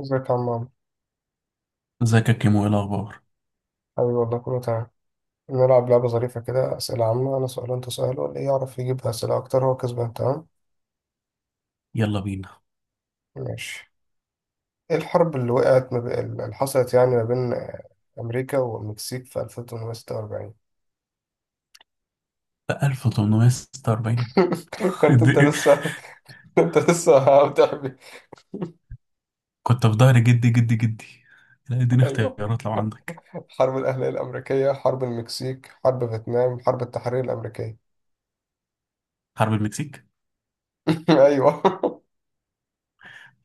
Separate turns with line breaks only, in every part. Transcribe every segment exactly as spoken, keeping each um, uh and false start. ازيك يا عم عمرو؟
ازيك يا كيمو، ايه الاخبار؟
حبيبي والله كله تمام. نلعب لعبة ظريفة كده، أسئلة عامة، أنا سؤال وأنت سؤال واللي يعرف يجيب أسئلة أكتر هو كسبان. تمام؟
يلا بينا.
ماشي. إيه الحرب اللي وقعت ما بي... اللي حصلت يعني ما بين آه، أمريكا والمكسيك في ألف وثمانمية وستة وأربعين؟
بقى ألف وثمانمائة وستة وأربعين؟
كنت أنت
ادي-
لسه. كنت لسه بتحبي.
كنت في ظهر جدي جدي جدي. لا اديني
أيوه،
اختيارات لو عندك.
حرب الأهلية الأمريكية، حرب المكسيك، حرب فيتنام، حرب التحرير الأمريكية.
حرب المكسيك.
أيوه.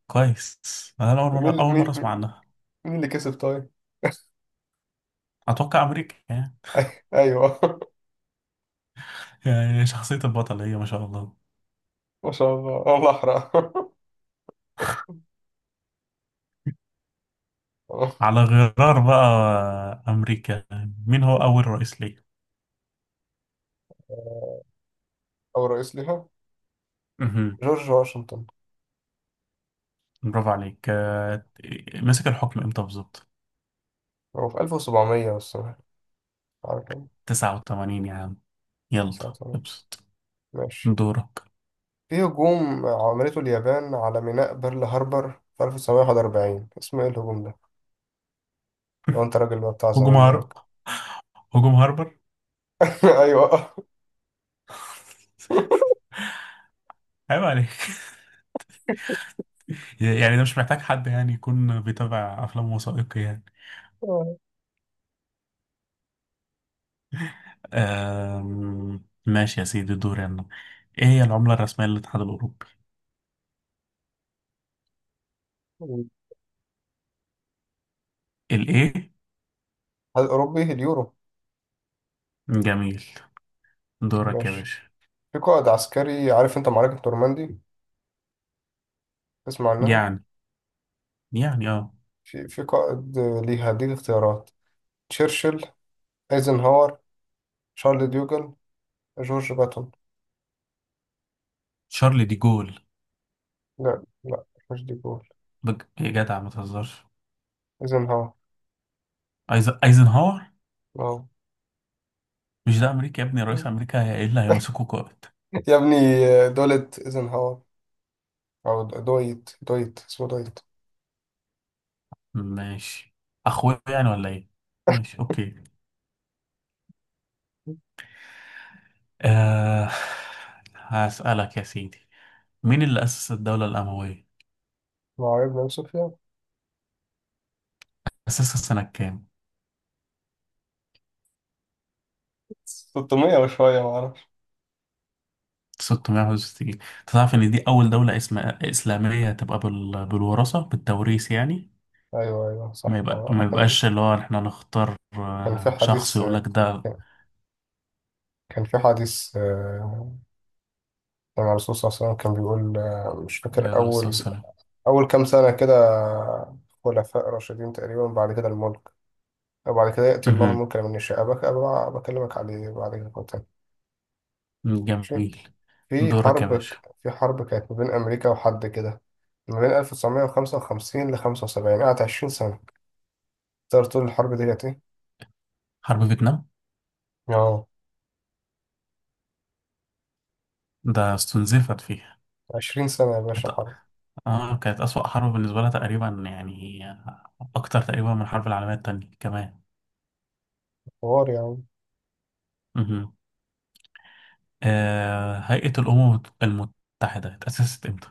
كويس. انا اول
طب
مره
مين
اول مره
مين
اسمع عنها.
مين اللي كسب طيب؟
اتوقع امريكا يعني.
أيوه،
يعني شخصيه البطل هي ما شاء الله.
ما شاء الله والله أحرق آه،
على غرار بقى امريكا. مين هو اول رئيس ليه؟
أو رئيس ليها.
مهم.
جورج واشنطن.
برافو عليك. آه، مسك الحكم امتى بالظبط؟
هو في ألف وسبعمية، بس أنا عارف أنا.
تسعة وتمانين يا عم. يلا
ألف وتسعمية.
ابسط.
ماشي.
دورك.
في هجوم عملته اليابان على ميناء بيرل هاربر في ألف وتسعمية وواحد وأربعين، اسمه إيه الهجوم ده؟ لو أنت راجل بقى بتاع
هجوم
زمان
هار
بقى.
هجوم هاربر.
أيوه.
عيب عليك. يعني ده مش محتاج حد يعني يكون بيتابع أفلام وثائقي يعني. أم... ماشي يا سيدي، دوري أنا. إيه هي العملة الرسمية للاتحاد الأوروبي؟
الاتحاد
الإيه؟
الأوروبي، اليورو.
جميل. دورك يا
ماشي.
باشا.
في قائد عسكري، عارف أنت معركة نورماندي، تسمع عنها.
يعني يعني آه.
في في قائد ليها، هديك اختيارات: تشرشل، ايزنهاور، شارل ديوجل، جورج باتون.
شارل دي جول.
لا، لا، مش ديكور.
بج... يا جدع ما تهزرش.
ايزنهاور.
أيز... أيزنهاور؟
واو.
مش ده أمريكا يا ابني، رئيس أمريكا، هي إيه اللي هيمسكه قائد؟
يا ابني، دولت ايزنهاور. او دويت دويت اسمه دويت.
ماشي. أخويا يعني ولا إيه؟ ماشي أوكي. أه... هسألك يا سيدي، مين اللي أسس الدولة الأموية؟
ما هو ابن صوفيا.
أساسها سنة كام؟
ستمية وشوية، ما اعرفش.
ستمية وواحد وستين. تعرف إن دي أول دولة اسم... إسلامية تبقى بال... بالوراثة بالتوريث يعني.
ايوه، ايوه،
ما
صح.
يبقى
آه،
ما
كان
يبقاش اللي هو إحنا نختار،
كان في
آه، شخص
حديث،
يقول لك
آه،
ده.
كان كان في حديث آه، لما الرسول صلى الله عليه وسلم كان بيقول آه، مش فاكر.
عليه الصلاة
اول
والسلام.
اول كام سنة كده خلفاء راشدين تقريبا، بعد كده الملك. وبعد كده يأتي الله
مهم.
الملك لمن يشاء. أبك أبقى بكلمك عليه بعد كده مرة تانية. ماشي.
جميل.
في
دورك يا
حرب ك-
باشا.
في حرب كانت ما بين أمريكا وحد كده، ما بين ألف وتسعمية وخمسة وخمسين ل خمسة وسبعين، قعدت عشرين سنة. تقدر تقول الحرب دي كانت إيه؟
حرب فيتنام.
آه،
ده استنزفت فيها.
عشرين سنة يا باشا،
كانت
حرب.
آه كانت أسوأ حرب بالنسبة لها تقريبا يعني. أكتر تقريبا من الحرب العالمية التانية كمان.
حوار يا عم.
مهم. آه، هيئة الأمم المتحدة اتأسست إمتى؟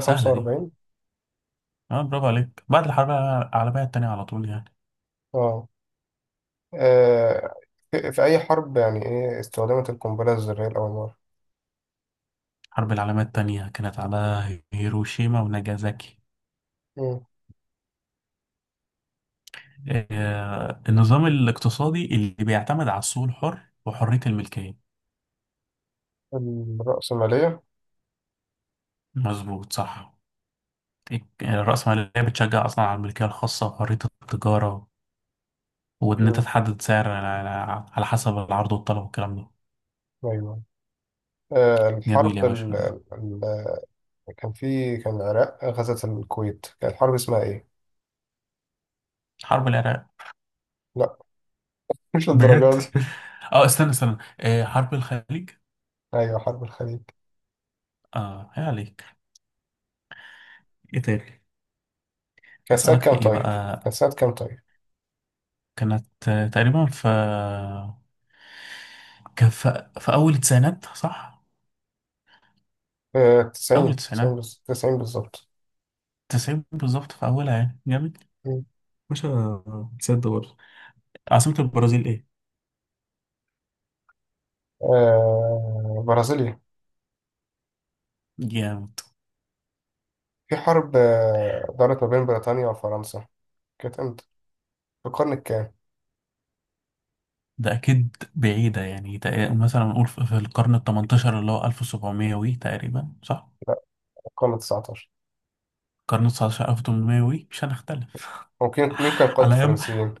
سهلة دي. اه، برافو عليك. بعد الحرب العالمية التانية على طول يعني.
آه آه، في في أي حرب يعني إيه استخدمت القنبلة الذرية لأول مرة؟
الحرب العالمية التانية كانت على هيروشيما وناجازاكي.
مم.
آه، النظام الاقتصادي اللي بيعتمد على السوق الحر وحرية الملكية.
الرأسمالية.
مظبوط صح. الرأسمالية بتشجع أصلا على الملكية الخاصة وحرية التجارة. وإن أنت
مم.
تحدد سعر على على حسب العرض والطلب والكلام ده.
أيوه. آه،
جميل
الحرب
يا باشا،
ال...
دول.
ال... ال- كان في كان العراق غزت الكويت، كانت الحرب اسمها إيه؟
حرب العراق.
لا، مش
بجد.
للدرجة دي.
اه، استنى استنى، آه، حرب الخليج.
أيوه، حرب الخليج.
اه، يا عليك. ايه تاني.
كانت سنة
اسالك
كام
في ايه
طيب؟
بقى.
كانت سنة كام طيب؟
كانت، آه، تقريبا في، كان في في أول التسعينات صح؟
آه،
أول
تسعين، تسعين،
التسعينات.
بز- تسعين بالظبط.
تسعين بالظبط في أولها يعني، جامد.
مم.
باشا، تصدق برضه، عاصمة البرازيل إيه؟
آه، برازيليا.
جامد.
في حرب آه، دارت ما بين بريطانيا وفرنسا، كانت امتى؟ في القرن الكام؟
ده أكيد بعيدة يعني، تق- مثلا نقول في في القرن التمنتاشر اللي هو ألف وسبعمية وي تقريبا صح؟
القرن ال التسعتاشر.
القرن التسعتاشر ألف وتمنمية وي مش هنختلف.
ممكن مين كان قائد
على أيام.
الفرنسيين؟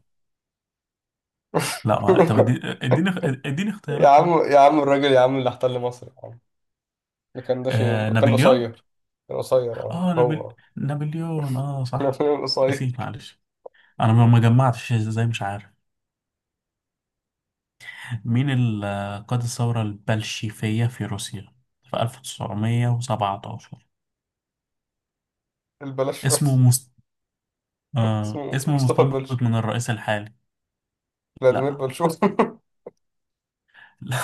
لا، ما- طب ادي- اديني اديني
يا
اختيارات
عم،
طيب.
يا عم، الراجل يا عم اللي احتل مصر يا عم، ده كان، ده
آه
شيء كان
نابليون؟
قصير. كان قصير، اه
آه، نابل...
هو.
نابليون، آه صح.
كان قصير.
نسيت معلش. انا ما ما جمعتش ازاي، مش عارف. مين اللي قاد الثورة البلشيفية في روسيا في ألف وتسعمائة وسبعطعش؟
البلاش
اسمه
بس.
مست... آه...
اسمه
اسمه
مصطفى
مستنبط
البلش،
من الرئيس الحالي.
فلاديمير
لا،
بلشوف.
لا.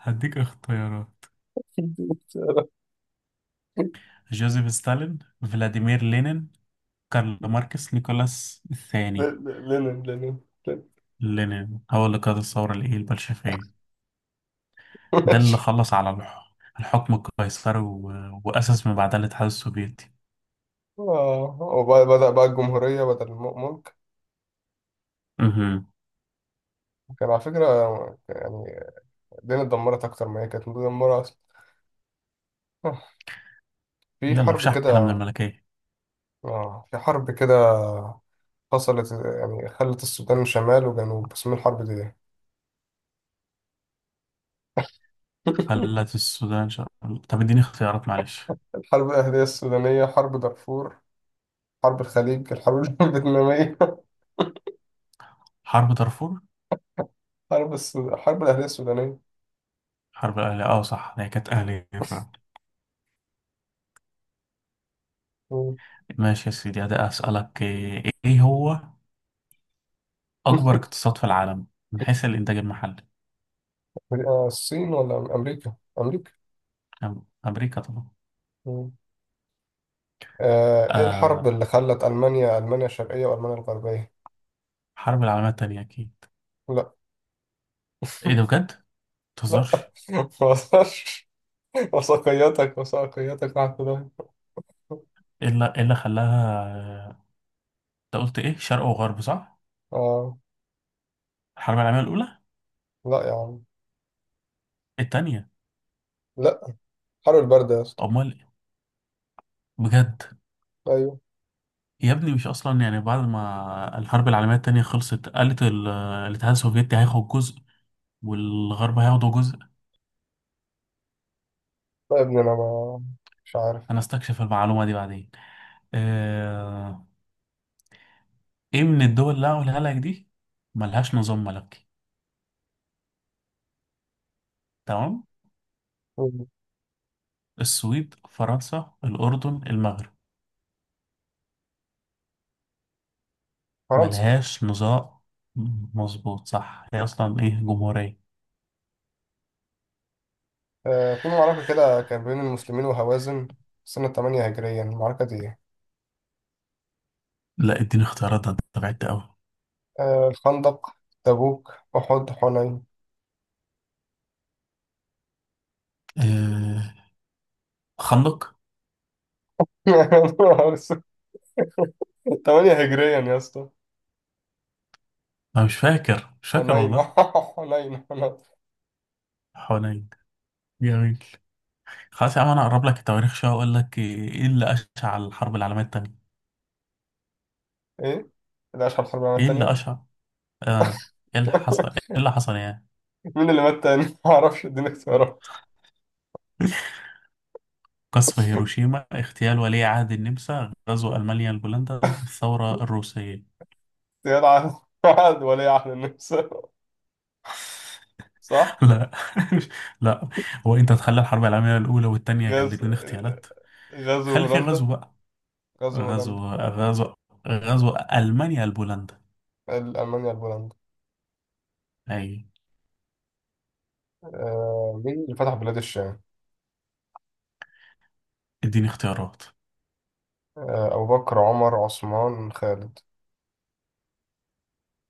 هديك اختيارات. جوزيف ستالين، فلاديمير لينين، كارل ماركس، نيكولاس الثاني.
لينين، لينين.
لينين هو اللي قاد الثورة الإيه البلشفية. ده اللي
ماشي.
خلص على الح- الحكم القيصري، و... وأسس من بعدها الاتحاد السوفيتي.
اه، وبدأ بقى الجمهورية بدل الملك.
مهم.
كان على فكرة يعني الدنيا اتدمرت أكتر ما هي كانت مدمرة أصلا. آه، في
يلا في
حرب
شحنة من
كده
الملكية.
اه في حرب كده حصلت، يعني خلت السودان شمال وجنوب، اسمها الحرب دي إيه؟
خلت السودان شر... طب اديني اختيارات معلش.
الحرب الأهلية السودانية، حرب دارفور، حرب الخليج، الحرب الفيتنامية.
حرب دارفور.
حرب السود... الحرب الأهلية السودانية.
حرب الأهلية، اه صح، هي كانت أهلية فعلا.
مم.
ماشي يا سيدي، ده أسألك إيه إيه هو أكبر اقتصاد في العالم من حيث الإنتاج المحلي؟
آه، الصين ولا أمريكا؟ أمريكا.
أم- أمريكا طبعا.
مم. آه، إيه الحرب اللي
آه،
خلت ألمانيا، ألمانيا الشرقية وألمانيا الغربية؟
الحرب العالمية التانية أكيد.
لا،
إيه ده بجد؟
لا،
متهزرش.
ما اقدرش. وثقيتك، وثقيتك مع خداع،
إيه اللي إيه اللي خلاها، آه، أنت قلت إيه، شرق وغرب صح؟
اه.
الحرب العالمية الأولى.
لا يا عم،
التانية.
لا. حر البرد يا اسطى.
أمال إيه؟ بجد.
ايوه.
يا ابني، مش اصلا يعني بعد ما الحرب العالميه التانية خلصت قالت ال- الاتحاد السوفيتي هياخد جزء والغرب هياخدوا جزء.
لا يا ابني، انا ما مش عارف.
انا استكشف المعلومه دي بعدين. آه، ايه من الدول اللي هقولها لك دي ملهاش نظام ملكي؟ تمام. السويد، فرنسا، الاردن، المغرب.
فرنسا.
ملهاش نظام. مظبوط صح، هي اصلا ايه جمهوريه.
آه في معركة كده كان بين المسلمين وهوازن سنة تمانية هجريا، المعركة دي ايه؟
لا اديني اختيارات، ده أنت بعدت قوي.
آه الخندق، تبوك، أحد، حنين.
آه، خندق.
ثمان هجريا يا اسطى.
انا مش فاكر مش فاكر
حنين،
والله.
حنين، حنين.
حوالين. جميل. خلاص يا عم، انا اقرب لك التواريخ شويه واقول لك ايه اللي اشعل الحرب العالميه الثانيه.
ايه؟ ده أشهر الحرب العالمية
ايه اللي
التانية؟
اشعل. آه، ايه اللي حصل ايه اللي حصل يعني.
مين اللي مات تاني؟ معرفش، اديني اختيارات.
قصف هيروشيما، اغتيال ولي عهد النمسا، غزو المانيا لبولندا، الثوره الروسيه.
زياد عن، الوعد، ولي عهد النمسا، صح؟
لا، لا. هو انت تخلي الحرب العالميه الاولى والثانيه
غز...
الاثنين اغتيالات.
غزو
خلي في
هولندا
غزو بقى.
غزو هولندا
غزو غزو غزو المانيا لبولندا.
ألمانيا لهولندا.
اي.
آه... مين اللي فتح بلاد الشام؟
اديني اختيارات.
آه... أبو بكر، عمر، عثمان، خالد.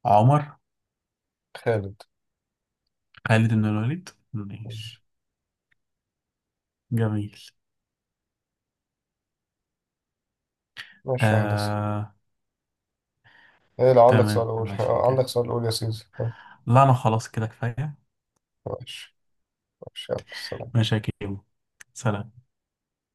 عمر.
خالد.
خالد بن الوليد ماشي. جميل.
ماشي يا هندسة.
آه.
إيه، لو عندك سؤال
تمام
قول.
ماشي
آه، عندك
كده.
سؤال قول يا سيدي آه،
لا انا خلاص كده كفايه.
ماشي. ماشي، يلا، سلام.
ماشي يا كيمو، سلام.